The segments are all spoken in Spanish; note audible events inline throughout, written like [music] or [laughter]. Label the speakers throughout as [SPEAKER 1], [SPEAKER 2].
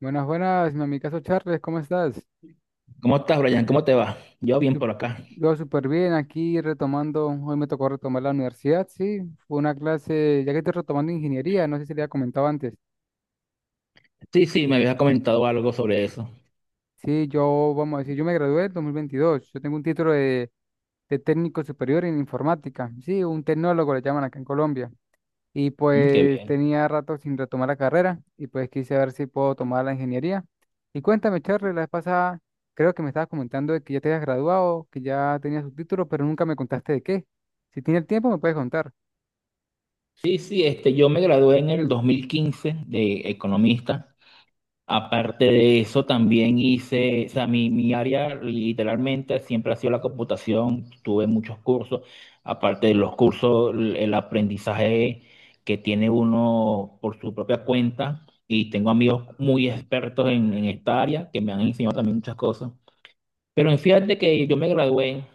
[SPEAKER 1] Buenas, buenas, mi amigazo Charles, ¿cómo estás?
[SPEAKER 2] ¿Cómo estás, Brian? ¿Cómo te va? Yo bien
[SPEAKER 1] Sup-
[SPEAKER 2] por acá.
[SPEAKER 1] Yo súper bien, aquí retomando, hoy me tocó retomar la universidad, sí, fue una clase, ya que estoy retomando ingeniería, no sé si le había comentado antes,
[SPEAKER 2] Sí, sí, me habías comentado algo sobre eso.
[SPEAKER 1] sí, yo, vamos a decir, yo me gradué en 2022, yo tengo un título de técnico superior en informática, sí, un tecnólogo le llaman acá en Colombia, y
[SPEAKER 2] Mm, qué
[SPEAKER 1] pues
[SPEAKER 2] bien.
[SPEAKER 1] tenía rato sin retomar la carrera y pues quise ver si puedo tomar la ingeniería. Y cuéntame, Charlie, la vez pasada creo que me estabas comentando de que ya te habías graduado, que ya tenías tu título, pero nunca me contaste de qué. Si tienes el tiempo me puedes contar.
[SPEAKER 2] Sí, sí, yo me gradué en el 2015 de economista. Aparte de eso, también hice, o sea, mi área literalmente siempre ha sido la computación. Tuve muchos cursos. Aparte de los cursos, el aprendizaje que tiene uno por su propia cuenta. Y tengo amigos muy expertos en esta área que me han enseñado también muchas cosas. Pero fíjate que yo me gradué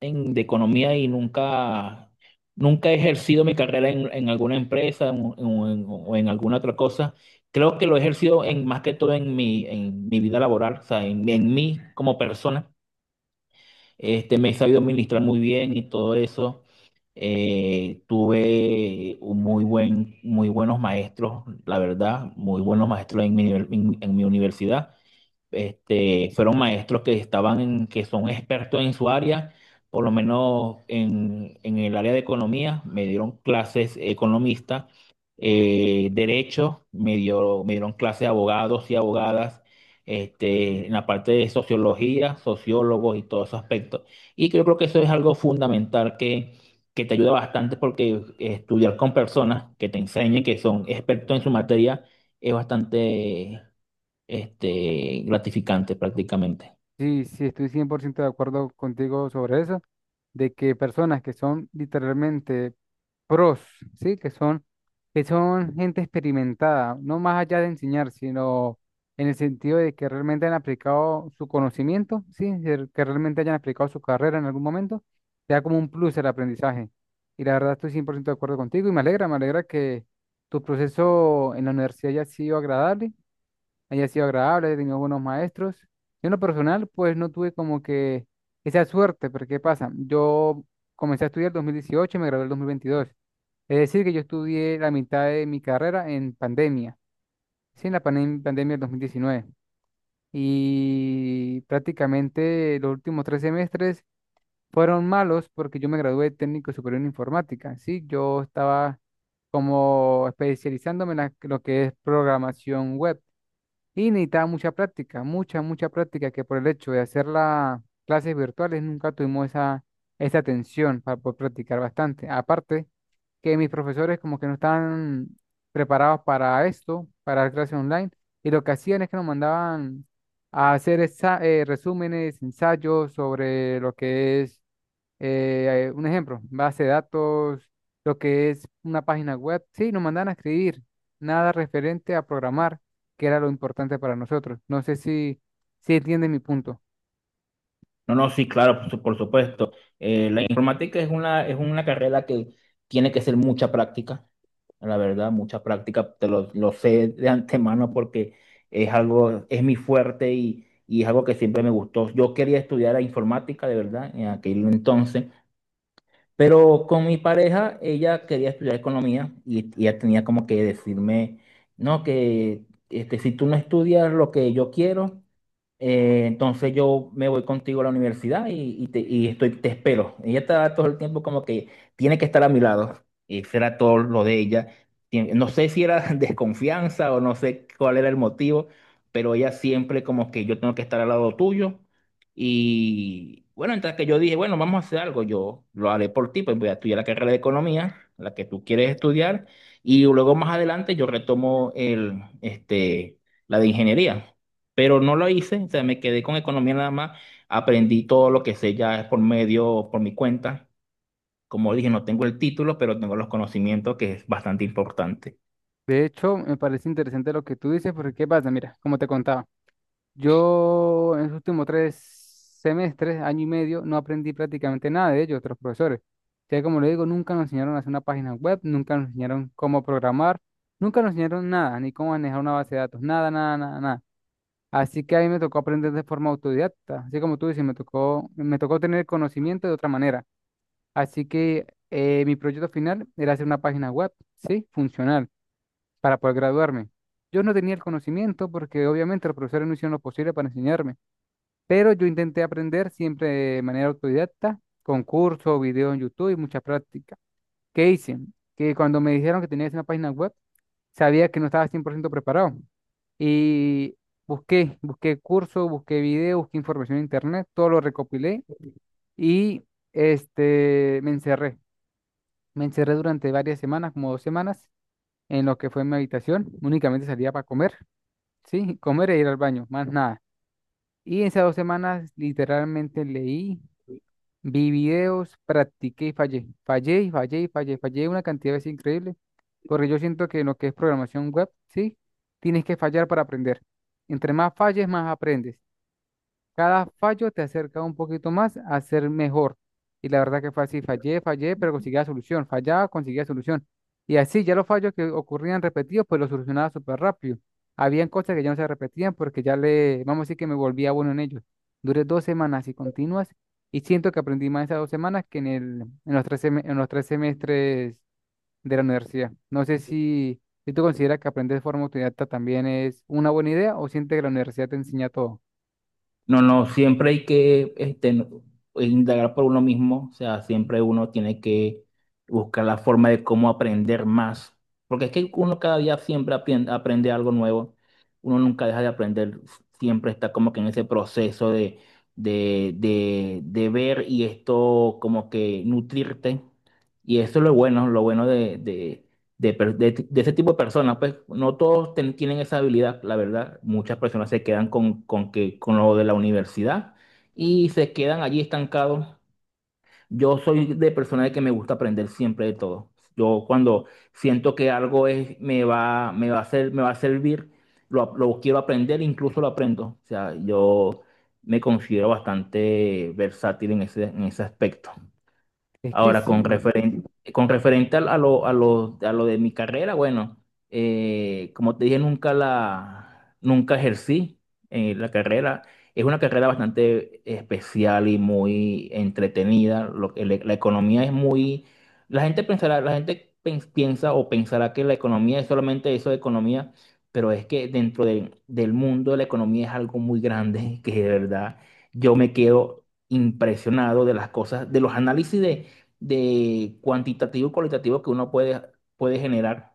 [SPEAKER 2] de economía y nunca he ejercido mi carrera en alguna empresa o en alguna otra cosa. Creo que lo he ejercido más que todo en en mi vida laboral, o sea, en mí como persona. Me he sabido administrar muy bien y todo eso. Tuve un muy buenos maestros, la verdad, muy buenos maestros en en mi universidad, fueron maestros que estaban que son expertos en su área, por lo menos en el área de economía, me dieron clases economistas, derecho, me dieron clases abogados y abogadas, en la parte de sociología, sociólogos y todos esos aspectos. Y yo creo que eso es algo fundamental que te ayuda bastante porque estudiar con personas que te enseñen, que son expertos en su materia, es bastante gratificante prácticamente.
[SPEAKER 1] Sí, sí, estoy 100% de acuerdo contigo sobre eso, de que personas que son literalmente pros, ¿sí? Que son gente experimentada, no más allá de enseñar, sino en el sentido de que realmente han aplicado su conocimiento, ¿sí? De que realmente hayan aplicado su carrera en algún momento, te da como un plus el aprendizaje. Y la verdad estoy 100% de acuerdo contigo y me alegra que tu proceso en la universidad haya sido agradable, haya sido agradable, haya tenido buenos maestros. Yo en lo personal, pues no tuve como que esa suerte, porque ¿qué pasa? Yo comencé a estudiar en 2018 y me gradué en 2022. Es decir, que yo estudié la mitad de mi carrera en pandemia, sí, en la pandemia del 2019. Y prácticamente los últimos tres semestres fueron malos porque yo me gradué de técnico superior en informática, sí, yo estaba como especializándome en lo que es programación web. Y necesitaba mucha práctica, mucha, mucha práctica, que por el hecho de hacer las clases virtuales nunca tuvimos esa, esa atención para poder practicar bastante. Aparte, que mis profesores como que no estaban preparados para esto, para la clase online, y lo que hacían es que nos mandaban a hacer resúmenes, ensayos sobre lo que es, un ejemplo, base de datos, lo que es una página web, sí, nos mandaban a escribir, nada referente a programar que era lo importante para nosotros. No sé si, si entiende mi punto.
[SPEAKER 2] No, no, sí, claro, por supuesto. La informática es una carrera que tiene que ser mucha práctica, la verdad, mucha práctica. Te lo sé de antemano porque es es mi fuerte y es algo que siempre me gustó. Yo quería estudiar la informática, de verdad, en aquel entonces, pero con mi pareja, ella quería estudiar economía y ella tenía como que decirme, no, que si tú no estudias lo que yo quiero. Entonces yo me voy contigo a la universidad y estoy, te espero. Ella está todo el tiempo como que tiene que estar a mi lado. Y será todo lo de ella. No sé si era [laughs] desconfianza o no sé cuál era el motivo, pero ella siempre como que yo tengo que estar al lado tuyo. Y bueno, entonces que yo dije, bueno, vamos a hacer algo, yo lo haré por ti, pues voy a estudiar la carrera de economía, la que tú quieres estudiar, y luego más adelante yo retomo la de ingeniería, pero no lo hice, o sea, me quedé con economía nada más, aprendí todo lo que sé ya por mi cuenta. Como dije, no tengo el título, pero tengo los conocimientos, que es bastante importante.
[SPEAKER 1] De hecho, me parece interesante lo que tú dices, porque ¿qué pasa? Mira, como te contaba, yo en los últimos tres semestres, año y medio, no aprendí prácticamente nada de ellos, otros profesores. Ya como le digo, nunca nos enseñaron a hacer una página web, nunca nos enseñaron cómo programar, nunca nos enseñaron nada, ni cómo manejar una base de datos, nada, nada, nada, nada. Así que a mí me tocó aprender de forma autodidacta, así como tú dices, me tocó tener conocimiento de otra manera. Así que mi proyecto final era hacer una página web, ¿sí? Funcional, para poder graduarme. Yo no tenía el conocimiento porque obviamente los profesores no hicieron lo posible para enseñarme, pero yo intenté aprender siempre de manera autodidacta, con cursos, videos en YouTube y mucha práctica. ¿Qué hice? Que cuando me dijeron que tenía que hacer una página web, sabía que no estaba 100% preparado. Y busqué, busqué cursos, busqué videos, busqué información en internet, todo lo recopilé y me encerré. Me encerré durante varias semanas, como dos semanas, en lo que fue mi habitación. Únicamente salía para comer, sí, comer e ir al baño, más nada. Y esas dos semanas literalmente leí, vi videos, practiqué y fallé. Fallé y fallé y fallé. Fallé una cantidad de veces increíble, porque yo siento que en lo que es programación web, sí, tienes que fallar para aprender. Entre más falles, más aprendes. Cada fallo te acerca un poquito más a ser mejor. Y la verdad que fue así, fallé, fallé, pero conseguía solución, fallaba, conseguía solución. Y así ya los fallos que ocurrían repetidos, pues los solucionaba súper rápido. Habían cosas que ya no se repetían porque ya le, vamos a decir que me volvía bueno en ellos. Duré dos semanas así continuas y siento que aprendí más en esas dos semanas que en el, en los tres, en los tres semestres de la universidad. No sé si, si tú consideras que aprender de forma autodidacta también es una buena idea o sientes que la universidad te enseña todo.
[SPEAKER 2] No, no, siempre hay que pues, indagar por uno mismo, o sea, siempre uno tiene que buscar la forma de cómo aprender más, porque es que uno cada día siempre aprende, aprende algo nuevo, uno nunca deja de aprender, siempre está como que en ese proceso de ver y esto como que nutrirte, y eso es lo bueno de ese tipo de personas, pues no todos tienen esa habilidad, la verdad. Muchas personas se quedan con lo de la universidad y se quedan allí estancados. Yo soy de persona de que me gusta aprender siempre de todo. Yo cuando siento que me va a hacer, me va a servir, lo quiero aprender, incluso lo aprendo. O sea, yo me considero bastante versátil en en ese aspecto.
[SPEAKER 1] Es que
[SPEAKER 2] Ahora,
[SPEAKER 1] sí,
[SPEAKER 2] con referente a lo de mi carrera, bueno, como te dije, nunca ejercí la carrera. Es una carrera bastante especial y muy entretenida. La economía es muy, la gente pensará, piensa o pensará que la economía es solamente eso de economía, pero es que dentro del mundo de la economía es algo muy grande [laughs] que de verdad yo me quedo impresionado de las cosas, de los análisis de cuantitativo y cualitativo que uno puede generar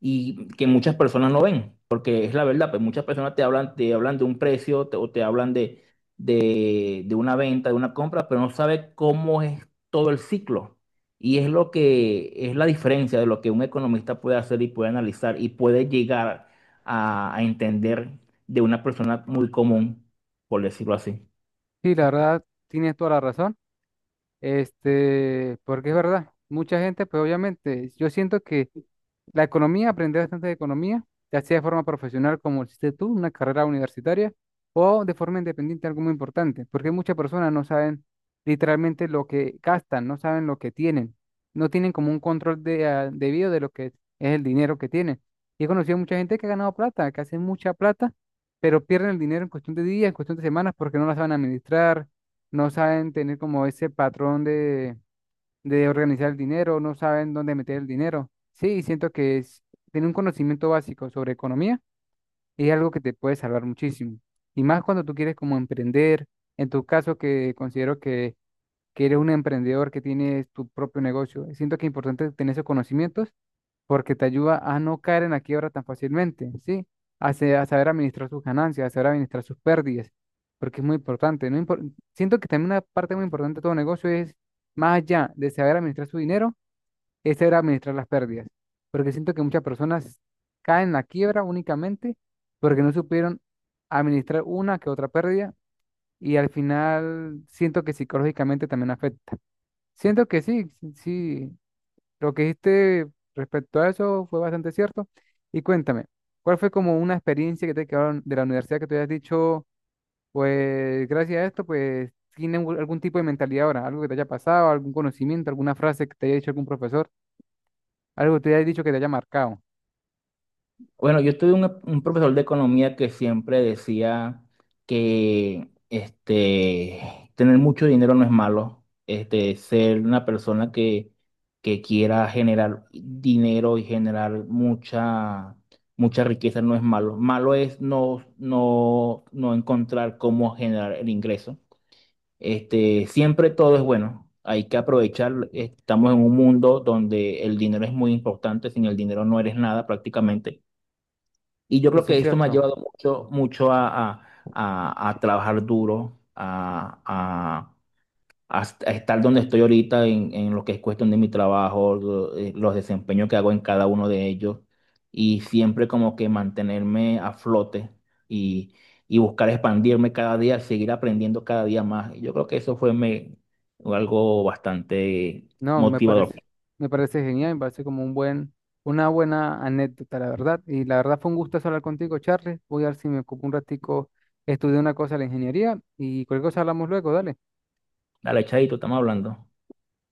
[SPEAKER 2] y que muchas personas no ven, porque es la verdad, pues muchas personas te hablan de un o te hablan de una venta, de una compra, pero no sabe cómo es todo el ciclo. Y es lo que es la diferencia de lo que un economista puede hacer y puede analizar y puede llegar a entender de una persona muy común, por decirlo así.
[SPEAKER 1] sí, la verdad, tienes toda la razón. Porque es verdad, mucha gente, pues obviamente, yo siento que la economía, aprender bastante de economía, ya sea de forma profesional, como hiciste tú, una carrera universitaria, o de forma independiente, algo muy importante, porque muchas personas no saben literalmente lo que gastan, no saben lo que tienen, no tienen como un control de, ah, debido de lo que es el dinero que tienen. Y he conocido mucha gente que ha ganado plata, que hace mucha plata, pero pierden el dinero en cuestión de días, en cuestión de semanas, porque no la saben administrar, no saben tener como ese patrón de organizar el dinero, no saben dónde meter el dinero. Sí, siento que es tener un conocimiento básico sobre economía es algo que te puede salvar muchísimo. Y más cuando tú quieres como emprender, en tu caso que considero que eres un emprendedor que tienes tu propio negocio, siento que es importante tener esos conocimientos porque te ayuda a no caer en la quiebra tan fácilmente, ¿sí? A, a saber administrar sus ganancias, a saber administrar sus pérdidas, porque es muy importante. No impor- Siento que también una parte muy importante de todo negocio es más allá de saber administrar su dinero, ese era administrar las pérdidas, porque siento que muchas personas caen en la quiebra únicamente porque no supieron administrar una que otra pérdida y al final siento que psicológicamente también afecta. Siento que sí, sí, sí, lo que dijiste respecto a eso fue bastante cierto. Y cuéntame, ¿cuál fue como una experiencia que te quedaron de la universidad que te hayas dicho, pues gracias a esto, pues tienen algún tipo de mentalidad ahora, algo que te haya pasado, algún conocimiento, alguna frase que te haya dicho algún profesor? Algo te haya dicho que te haya marcado.
[SPEAKER 2] Bueno, yo tuve un profesor de economía que siempre decía que tener mucho dinero no es malo. Ser una persona que quiera generar dinero y generar mucha riqueza no es malo. Malo es no encontrar cómo generar el ingreso. Siempre todo es bueno. Hay que aprovechar. Estamos en un mundo donde el dinero es muy importante. Sin el dinero no eres nada prácticamente. Y yo creo
[SPEAKER 1] Eso es
[SPEAKER 2] que esto me ha
[SPEAKER 1] cierto.
[SPEAKER 2] llevado mucho, mucho a trabajar duro, a estar donde estoy ahorita en lo que es cuestión de mi trabajo, los desempeños que hago en cada uno de ellos, y siempre como que mantenerme a flote y, y buscar expandirme cada día, seguir aprendiendo cada día más. Y yo creo que eso fue algo bastante
[SPEAKER 1] No,
[SPEAKER 2] motivador.
[SPEAKER 1] me parece genial, me parece como un buen, una buena anécdota, la verdad. Y la verdad fue un gusto hablar contigo, Charles. Voy a ver si me ocupo un ratico, estudié una cosa de la ingeniería y cualquier cosa hablamos luego, dale.
[SPEAKER 2] Dale, Chaito, estamos hablando.